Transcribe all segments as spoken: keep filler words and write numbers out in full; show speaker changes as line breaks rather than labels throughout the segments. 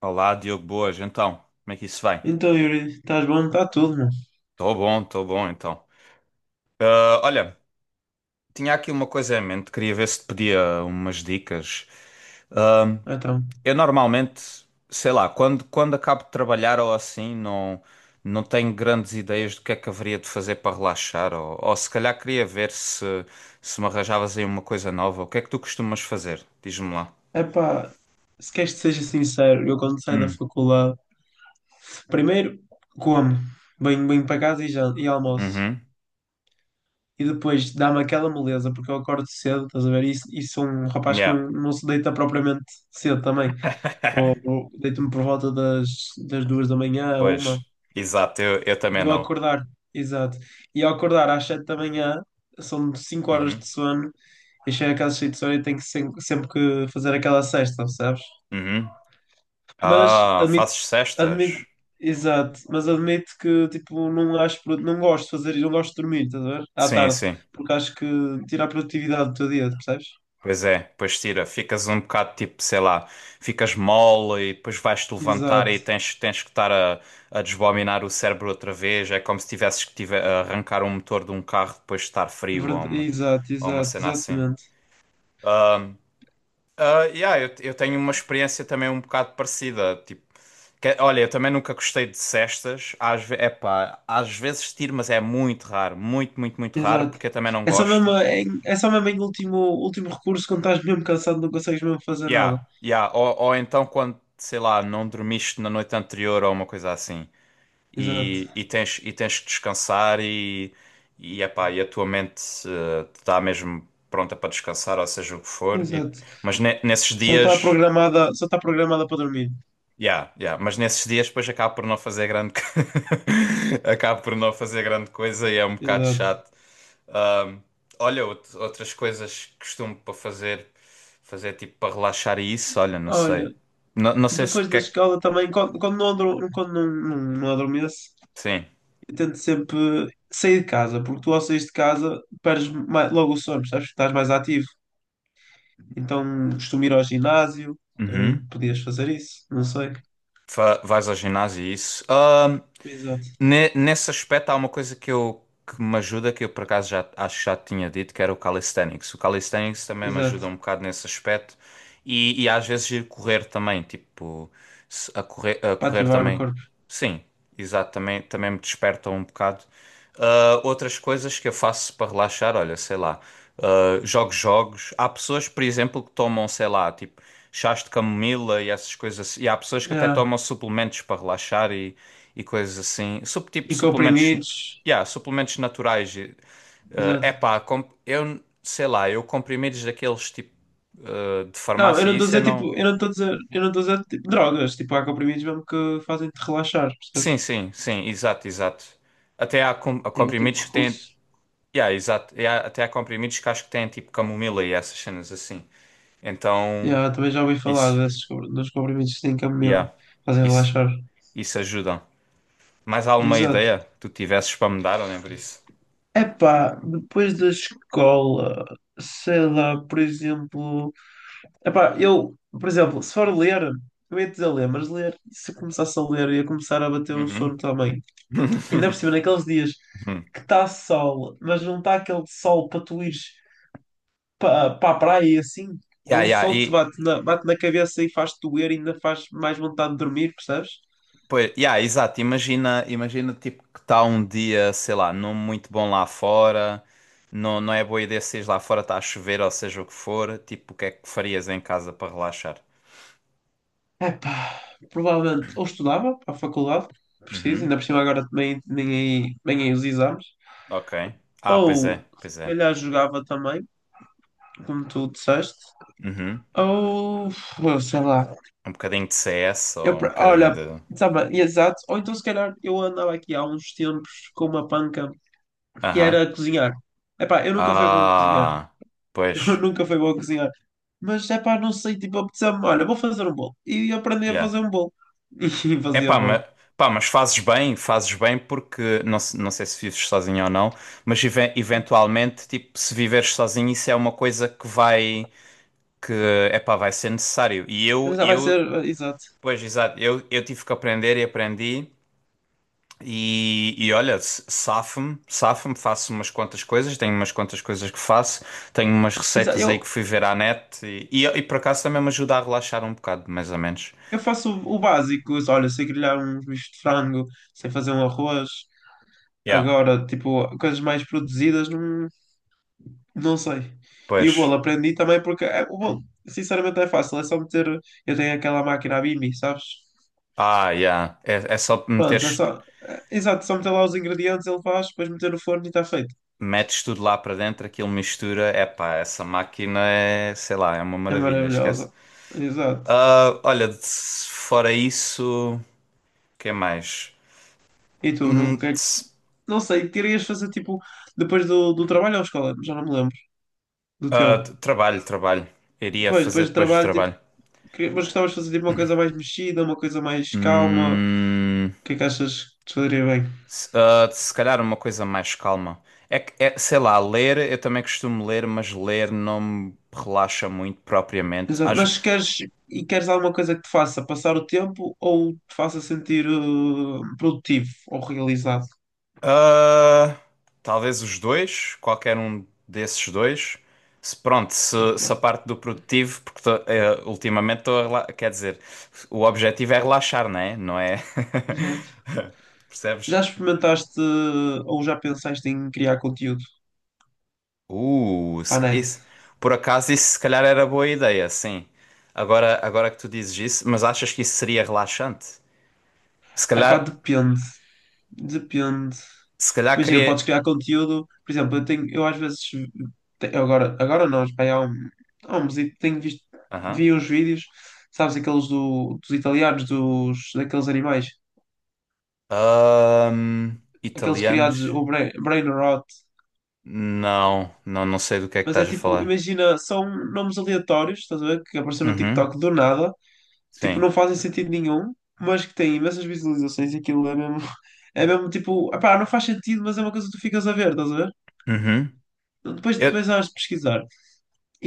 Olá, Diogo, boas. Então, como é que isso vai?
Então, Yuri, estás bom? Está tudo, mano.
Estou bom, estou bom, então. Ah, olha, tinha aqui uma coisa em mente, queria ver se te pedia umas dicas. Ah,
Então,
eu normalmente, sei lá, quando, quando acabo de trabalhar ou assim, não, não tenho grandes ideias do que é que haveria de fazer para relaxar, ou, ou se calhar queria ver se, se me arranjavas aí uma coisa nova. O que é que tu costumas fazer? Diz-me lá.
epá, se queres que seja sincero, eu quando saio da
Hum,
faculdade, primeiro como, venho, venho para casa e, já, e almoço.
uhum,
E depois dá-me aquela moleza, porque eu acordo cedo, estás a ver? E, e sou um rapaz que
yeah.
não, não se deita propriamente cedo também. Pro- pro- Deito-me por volta das, das duas da manhã, a
Pois,
uma.
exato, eu, eu
E
também
eu
não.
acordar, exato. E eu acordar às sete da manhã, são cinco horas
Uhum.
de sono, eu chego a casa cheio de sono e tenho que sem- sempre, que fazer aquela cesta, sabes?
Uhum.
Mas
Ah,
admito,
fazes
admito,
cestas?
exato, mas admito que tipo, não acho, pro- não gosto de fazer, não gosto de dormir, estás a ver? À
Sim,
tarde,
sim.
porque acho que tira a produtividade do teu dia, percebes?
Pois é, pois tira. Ficas um bocado tipo, sei lá, ficas mole e depois vais-te levantar
Exato.
e tens, tens que estar a, a desbominar o cérebro outra vez. É como se tivesses que tive, a arrancar um motor de um carro depois de estar frio ou
Verd-
uma,
exato,
ou uma
exato,
cena assim.
exatamente.
Ah, yeah, eu, eu tenho uma experiência também um bocado parecida. Tipo, que- olha, eu também nunca gostei de cestas. Às, ve- epá, às vezes tiro, mas é muito raro. Muito, muito, muito raro,
Exato.
porque eu também não
É só mesmo
gosto.
em, é só mesmo em último, último recurso, quando estás mesmo cansado, não consegues mesmo fazer nada.
Yeah, yeah. Ou, ou então quando, sei lá, não dormiste na noite anterior ou uma coisa assim
Exato.
e, e tens, e tens que descansar e, e, epá, e a tua mente eh, está mesmo pronta para descansar, ou seja o que for. E-
Exato.
mas ne- nesses
Só está
dias.
programada, só está programada para dormir.
Yeah, yeah. Mas nesses dias depois acabo por não fazer grande co- acabo por não fazer grande coisa e é um bocado
Exato.
chato. Ahm, olha, out- outras coisas que costumo para fazer, fazer tipo para relaxar e isso, olha, não sei.
Olha,
Não, não sei se o
depois
que
da
é que.
escola também, quando, quando não, adro- quando não, não, não adormeço,
Sim.
eu tento sempre sair de casa, porque tu ao sair de casa perdes mais- logo o sono, sabes? Estás mais ativo. Então costumo ir ao ginásio, também
Uhum.
podias fazer isso, não sei.
Fa- vais ao ginásio e isso.
Exato.
Ne- Nesse aspecto, há uma coisa que eu que me ajuda, que eu por acaso já acho que já te tinha dito, que era o calisthenics. O calisthenics também me ajuda
Exato.
um bocado nesse aspecto e, e às vezes ir correr também, tipo, se- a correr, a
Para
correr
ativar o
também.
corpo.
Sim, exato, também, também me desperta um bocado. Ah, outras coisas que eu faço para relaxar, olha, sei lá, ah, jogo jogos. Há pessoas, por exemplo, que tomam, sei lá, tipo, chás de camomila e essas coisas assim. E há pessoas que até
É.
tomam suplementos para relaxar e e coisas assim. Sup, tipo
E
suplementos,
comprimidos,
yeah, suplementos naturais. E, eh,
exato.
epá, comp- eu sei lá, eu comprimidos daqueles tipo eh, de
Não, eu
farmácia,
não estou a
isso eu
dizer
não.
tipo, eu não estou a dizer, eu não estou a dizer tipo, drogas, tipo, há comprimidos mesmo que fazem-te relaxar, percebes?
Sim, sim, sim, exato, exato. Até há, com- há
Em último
comprimidos que têm.
recurso.
Yeah, exato. E há- até há comprimidos que acho que têm tipo camomila e essas cenas assim. Então,
Yeah, também já ouvi falar
isso.
desses, compr- dos comprimidos que têm camomila,
Yeah,
fazem
isso.
relaxar.
Isso ajuda. Mais alguma
Exato.
ideia que tu tivesses para me dar, ou nem por isso?
Epá, depois da escola, sei lá, por exemplo. Epá, eu, por exemplo, se for ler, eu ia dizer ler, mas ler, se eu começasse a ler, ia começar a bater um sono
Uhum.
também. Ainda por cima, naqueles dias
Uhum.
que está sol, mas não está aquele sol para tu ires para pa a praia e assim. É
Yeah,
um
yeah.
sol que te bate na, bate na cabeça e faz-te doer e ainda faz mais vontade de dormir, percebes?
Pois, yeah, exato. Imagina, imagina tipo que está um dia, sei lá, não muito bom lá fora, não, não é boa ideia se lá fora está a chover ou seja o que for, tipo, o que é que farias em casa para relaxar?
Epá, provavelmente ou estudava para a faculdade, preciso,
Uhum,
ainda por cima agora também nem aí, nem aí os exames,
ok. Ah, pois
ou
é,
se
pois é.
calhar jogava também, como tu disseste,
Uhum.
ou sei lá.
Um bocadinho de C S
Eu,
ou um
pra-
bocadinho
olha,
de.
sabe, exato. Ou então, se calhar, eu andava aqui há uns tempos com uma panca que
Aham.
era cozinhar. Epá, eu nunca fui bom a cozinhar.
Ah,
Eu
pois,
nunca fui bom a cozinhar. Mas, epá, não sei, tipo, apeteceu-me, olha, vou fazer um bolo. E aprendi a
yeah.
fazer um bolo. E
É
fazia
pá,
bolo.
mas, pá, mas fazes bem, fazes bem porque não, se- não sei se vives sozinho ou não, mas even- eventualmente, tipo, se viveres sozinho, isso é uma coisa que vai, que é pá, vai ser necessário. E eu,
Mas já vai
eu,
ser, eh, exato.
pois exato, eu, eu tive que aprender e aprendi. E, e olha, s- safo-me, safo-me, faço umas quantas coisas, tenho umas quantas coisas que faço, tenho umas
Exa-
receitas
Eu,
aí que fui ver à net e, e, e por acaso também me ajuda a relaxar um bocado, mais ou menos.
Eu faço o o básico, olha, sei grelhar uns bichos de frango, sei fazer um arroz.
Yeah,
Agora, tipo, coisas mais produzidas, não, não sei. E o
pois.
bolo aprendi também porque é, o bolo, sinceramente, é fácil. É só meter. Eu tenho aquela máquina a Bimby, sabes?
Ah, yeah. É, é só
Pronto, é
meteres
só. É- exato, só meter lá os ingredientes, ele faz, depois meter no forno e está feito.
metes tudo lá para dentro, aquilo mistura. Epá, essa máquina é, sei lá, é uma
É
maravilha, esquece.
maravilhosa. Exato.
Ah, olha, de- fora isso, o que mais?
E tu, no, que,
Hum,
é que-
tss,
não sei, querias fazer tipo depois do, do trabalho ou escola? Já não me lembro. Do teu.
ah, t- trabalho, trabalho. Iria
Pois,
fazer
depois do
depois do
trabalho.
trabalho.
Que- Mas gostavas de fazer tipo, uma coisa mais mexida, uma coisa mais calma? O
Hum,
que é que achas que te faria bem?
se, ah, se calhar uma coisa mais calma. É que, é, sei lá, ler, eu também costumo ler, mas ler não me relaxa muito propriamente.
Exato.
Às,
Mas queres, e queres alguma coisa que te faça passar o tempo ou te faça sentir eh, produtivo ou realizado?
ah, talvez os dois, qualquer um desses dois. Se, pronto, se,
Epá,
se a parte do produtivo, porque tô, eh, ultimamente estou a rela- quer dizer, o objetivo é relaxar, não é? Não é?
exato.
Percebes?
Já experimentaste eh, ou já pensaste em criar conteúdo
Uh,
para
se-
a net?
isso. Por acaso isso se calhar era boa ideia, sim. Agora, agora que tu dizes isso, mas achas que isso seria relaxante? Se
Epá,
calhar,
depende. Depende.
se calhar
Imagina,
queria.
podes criar conteúdo. Por exemplo, eu tenho, eu às vezes te- agora, agora, nós, pá, há um, há um mesito, tenho visto,
Aham.
vi uns vídeos, sabes, aqueles do, dos italianos, dos, daqueles animais,
Ahm,
aqueles criados,
italianos.
o brain, brain rot.
Não, não, não sei do que é que
Mas é
estás a
tipo,
falar.
imagina, são nomes aleatórios, estás a ver? Que apareceram no
Uhum,
TikTok do nada, tipo,
sim.
não fazem sentido nenhum, mas que têm imensas visualizações e aquilo é mesmo, é mesmo tipo, pá, não faz sentido, mas é uma coisa que tu ficas a ver, estás a ver?
Uhum.
Depois,
Eu,
depois hás de pesquisar.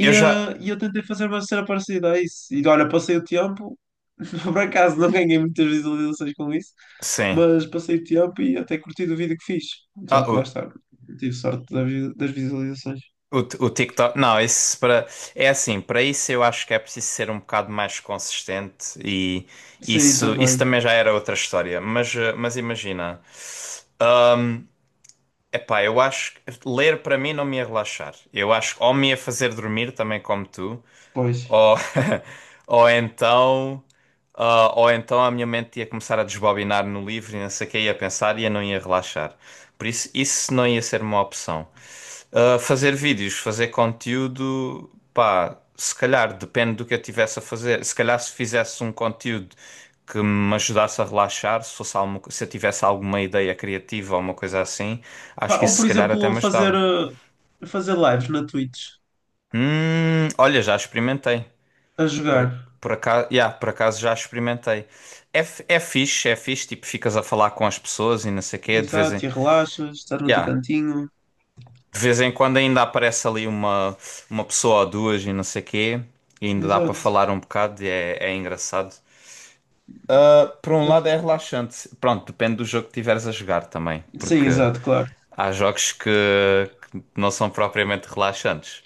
eu já.
eh, e eu tentei fazer uma cena parecida a isso. E olha, passei o tempo, por acaso não ganhei muitas visualizações com isso,
Sim.
mas passei o tempo e até curti do vídeo que fiz.
Ah,
Só que lá
o,
está, tive sorte da vi- das visualizações.
o, o TikTok. Não, isso para. É assim, para isso eu acho que é preciso ser um bocado mais consistente e
Sim,
isso, isso
também,
também já era outra história. Mas, eh, mas imagina. Epá, eu acho que ler para mim não me ia relaxar. Eu acho que ou me ia fazer dormir também como tu,
pois.
ou, ou então, ah, ou então a minha mente ia começar a desbobinar no livro e não sei o que ia pensar e eu não ia relaxar. Por isso, isso não ia ser uma opção. Ah, fazer vídeos, fazer conteúdo, pá, se calhar depende do que eu tivesse a fazer. Se calhar se fizesse um conteúdo que me ajudasse a relaxar, se fosse alguma, co- se eu tivesse alguma ideia criativa ou uma coisa assim, acho
Pá,
que
ou
isso
por
se calhar até
exemplo,
me
fazer,
ajudava.
eh, fazer lives na Twitch,
Hum, olha, já experimentei.
a
Por,
jogar.
por acaso, yeah, por acaso já experimentei. É, f- é fixe, é fixe, tipo, ficas a falar com as pessoas e não sei o quê, de vez
Exato,
em,
e relaxas, estás no teu
yeah,
cantinho.
de vez em quando ainda aparece ali uma, uma pessoa ou duas e não sei o quê, e ainda dá para
Exato.
falar um bocado e é, é engraçado. Ah, por um
Eu-
lado é relaxante, pronto, depende do jogo que tiveres a jogar também,
Sim,
porque
exato, claro.
há jogos que, que não são propriamente relaxantes.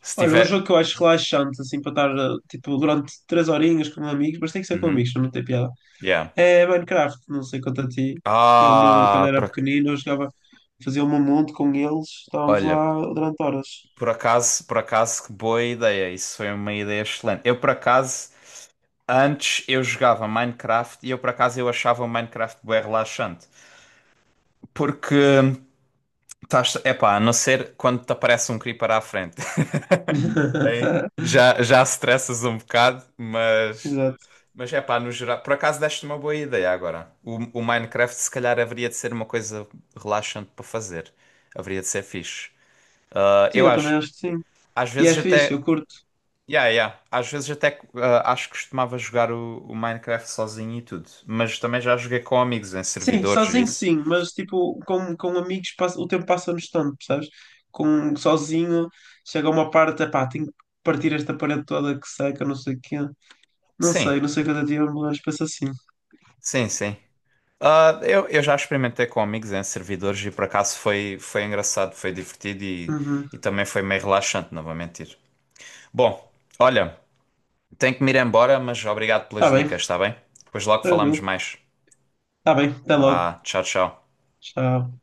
Se
Olha, um
tiver...
jogo que eu acho relaxante, assim, para estar, eh, tipo, durante três horinhas com amigos, mas tem que ser com
Uhum,
amigos, senão não tem piada.
yeah.
É Minecraft, não sei quanto a ti. Eu, no, Quando
Ah,
era
por ac-
pequenino, eu jogava, fazia um monte com eles, estávamos
olha...
lá durante horas.
Por acaso, por acaso, que boa ideia. Isso foi uma ideia excelente. Eu, por acaso, antes eu jogava Minecraft e eu, por acaso, eu achava o Minecraft bem relaxante. Porque, estás, epá, a não ser quando te aparece um creeper à frente. Aí já, já stressas um bocado, mas...
Exato.
Mas, epá, no geral... Por acaso, deste uma boa ideia agora. O, o Minecraft, se calhar, haveria de ser uma coisa relaxante para fazer. Haveria de ser fixe. Ah,
Sim,
eu
eu
acho...
também acho que sim.
Às
E
vezes
é fixe,
até
eu curto.
yeah, yeah. Às vezes até ah, acho que costumava jogar o, o Minecraft sozinho e tudo, mas também já joguei com amigos em
Sim,
servidores e
sozinho
isso.
sim, mas tipo, com, com amigos passa- o tempo passa-nos tanto, percebes? Com, sozinho chega a uma parte, epá, tenho que partir esta parede toda que seca, não sei o quê. Não
Sim,
sei, não sei quanto a ti, mas penso assim.
sim, sim. Ah, eu, eu já experimentei com amigos em servidores e por acaso foi, foi engraçado, foi divertido e,
Uhum.
e também foi meio relaxante, não vou mentir. Bom, olha, tenho que me ir embora, mas obrigado pelas
Tá bem,
dicas, está bem? Depois logo falamos
tranquilo.
mais.
Tá bem, até logo.
Vá, tchau, tchau.
Tchau.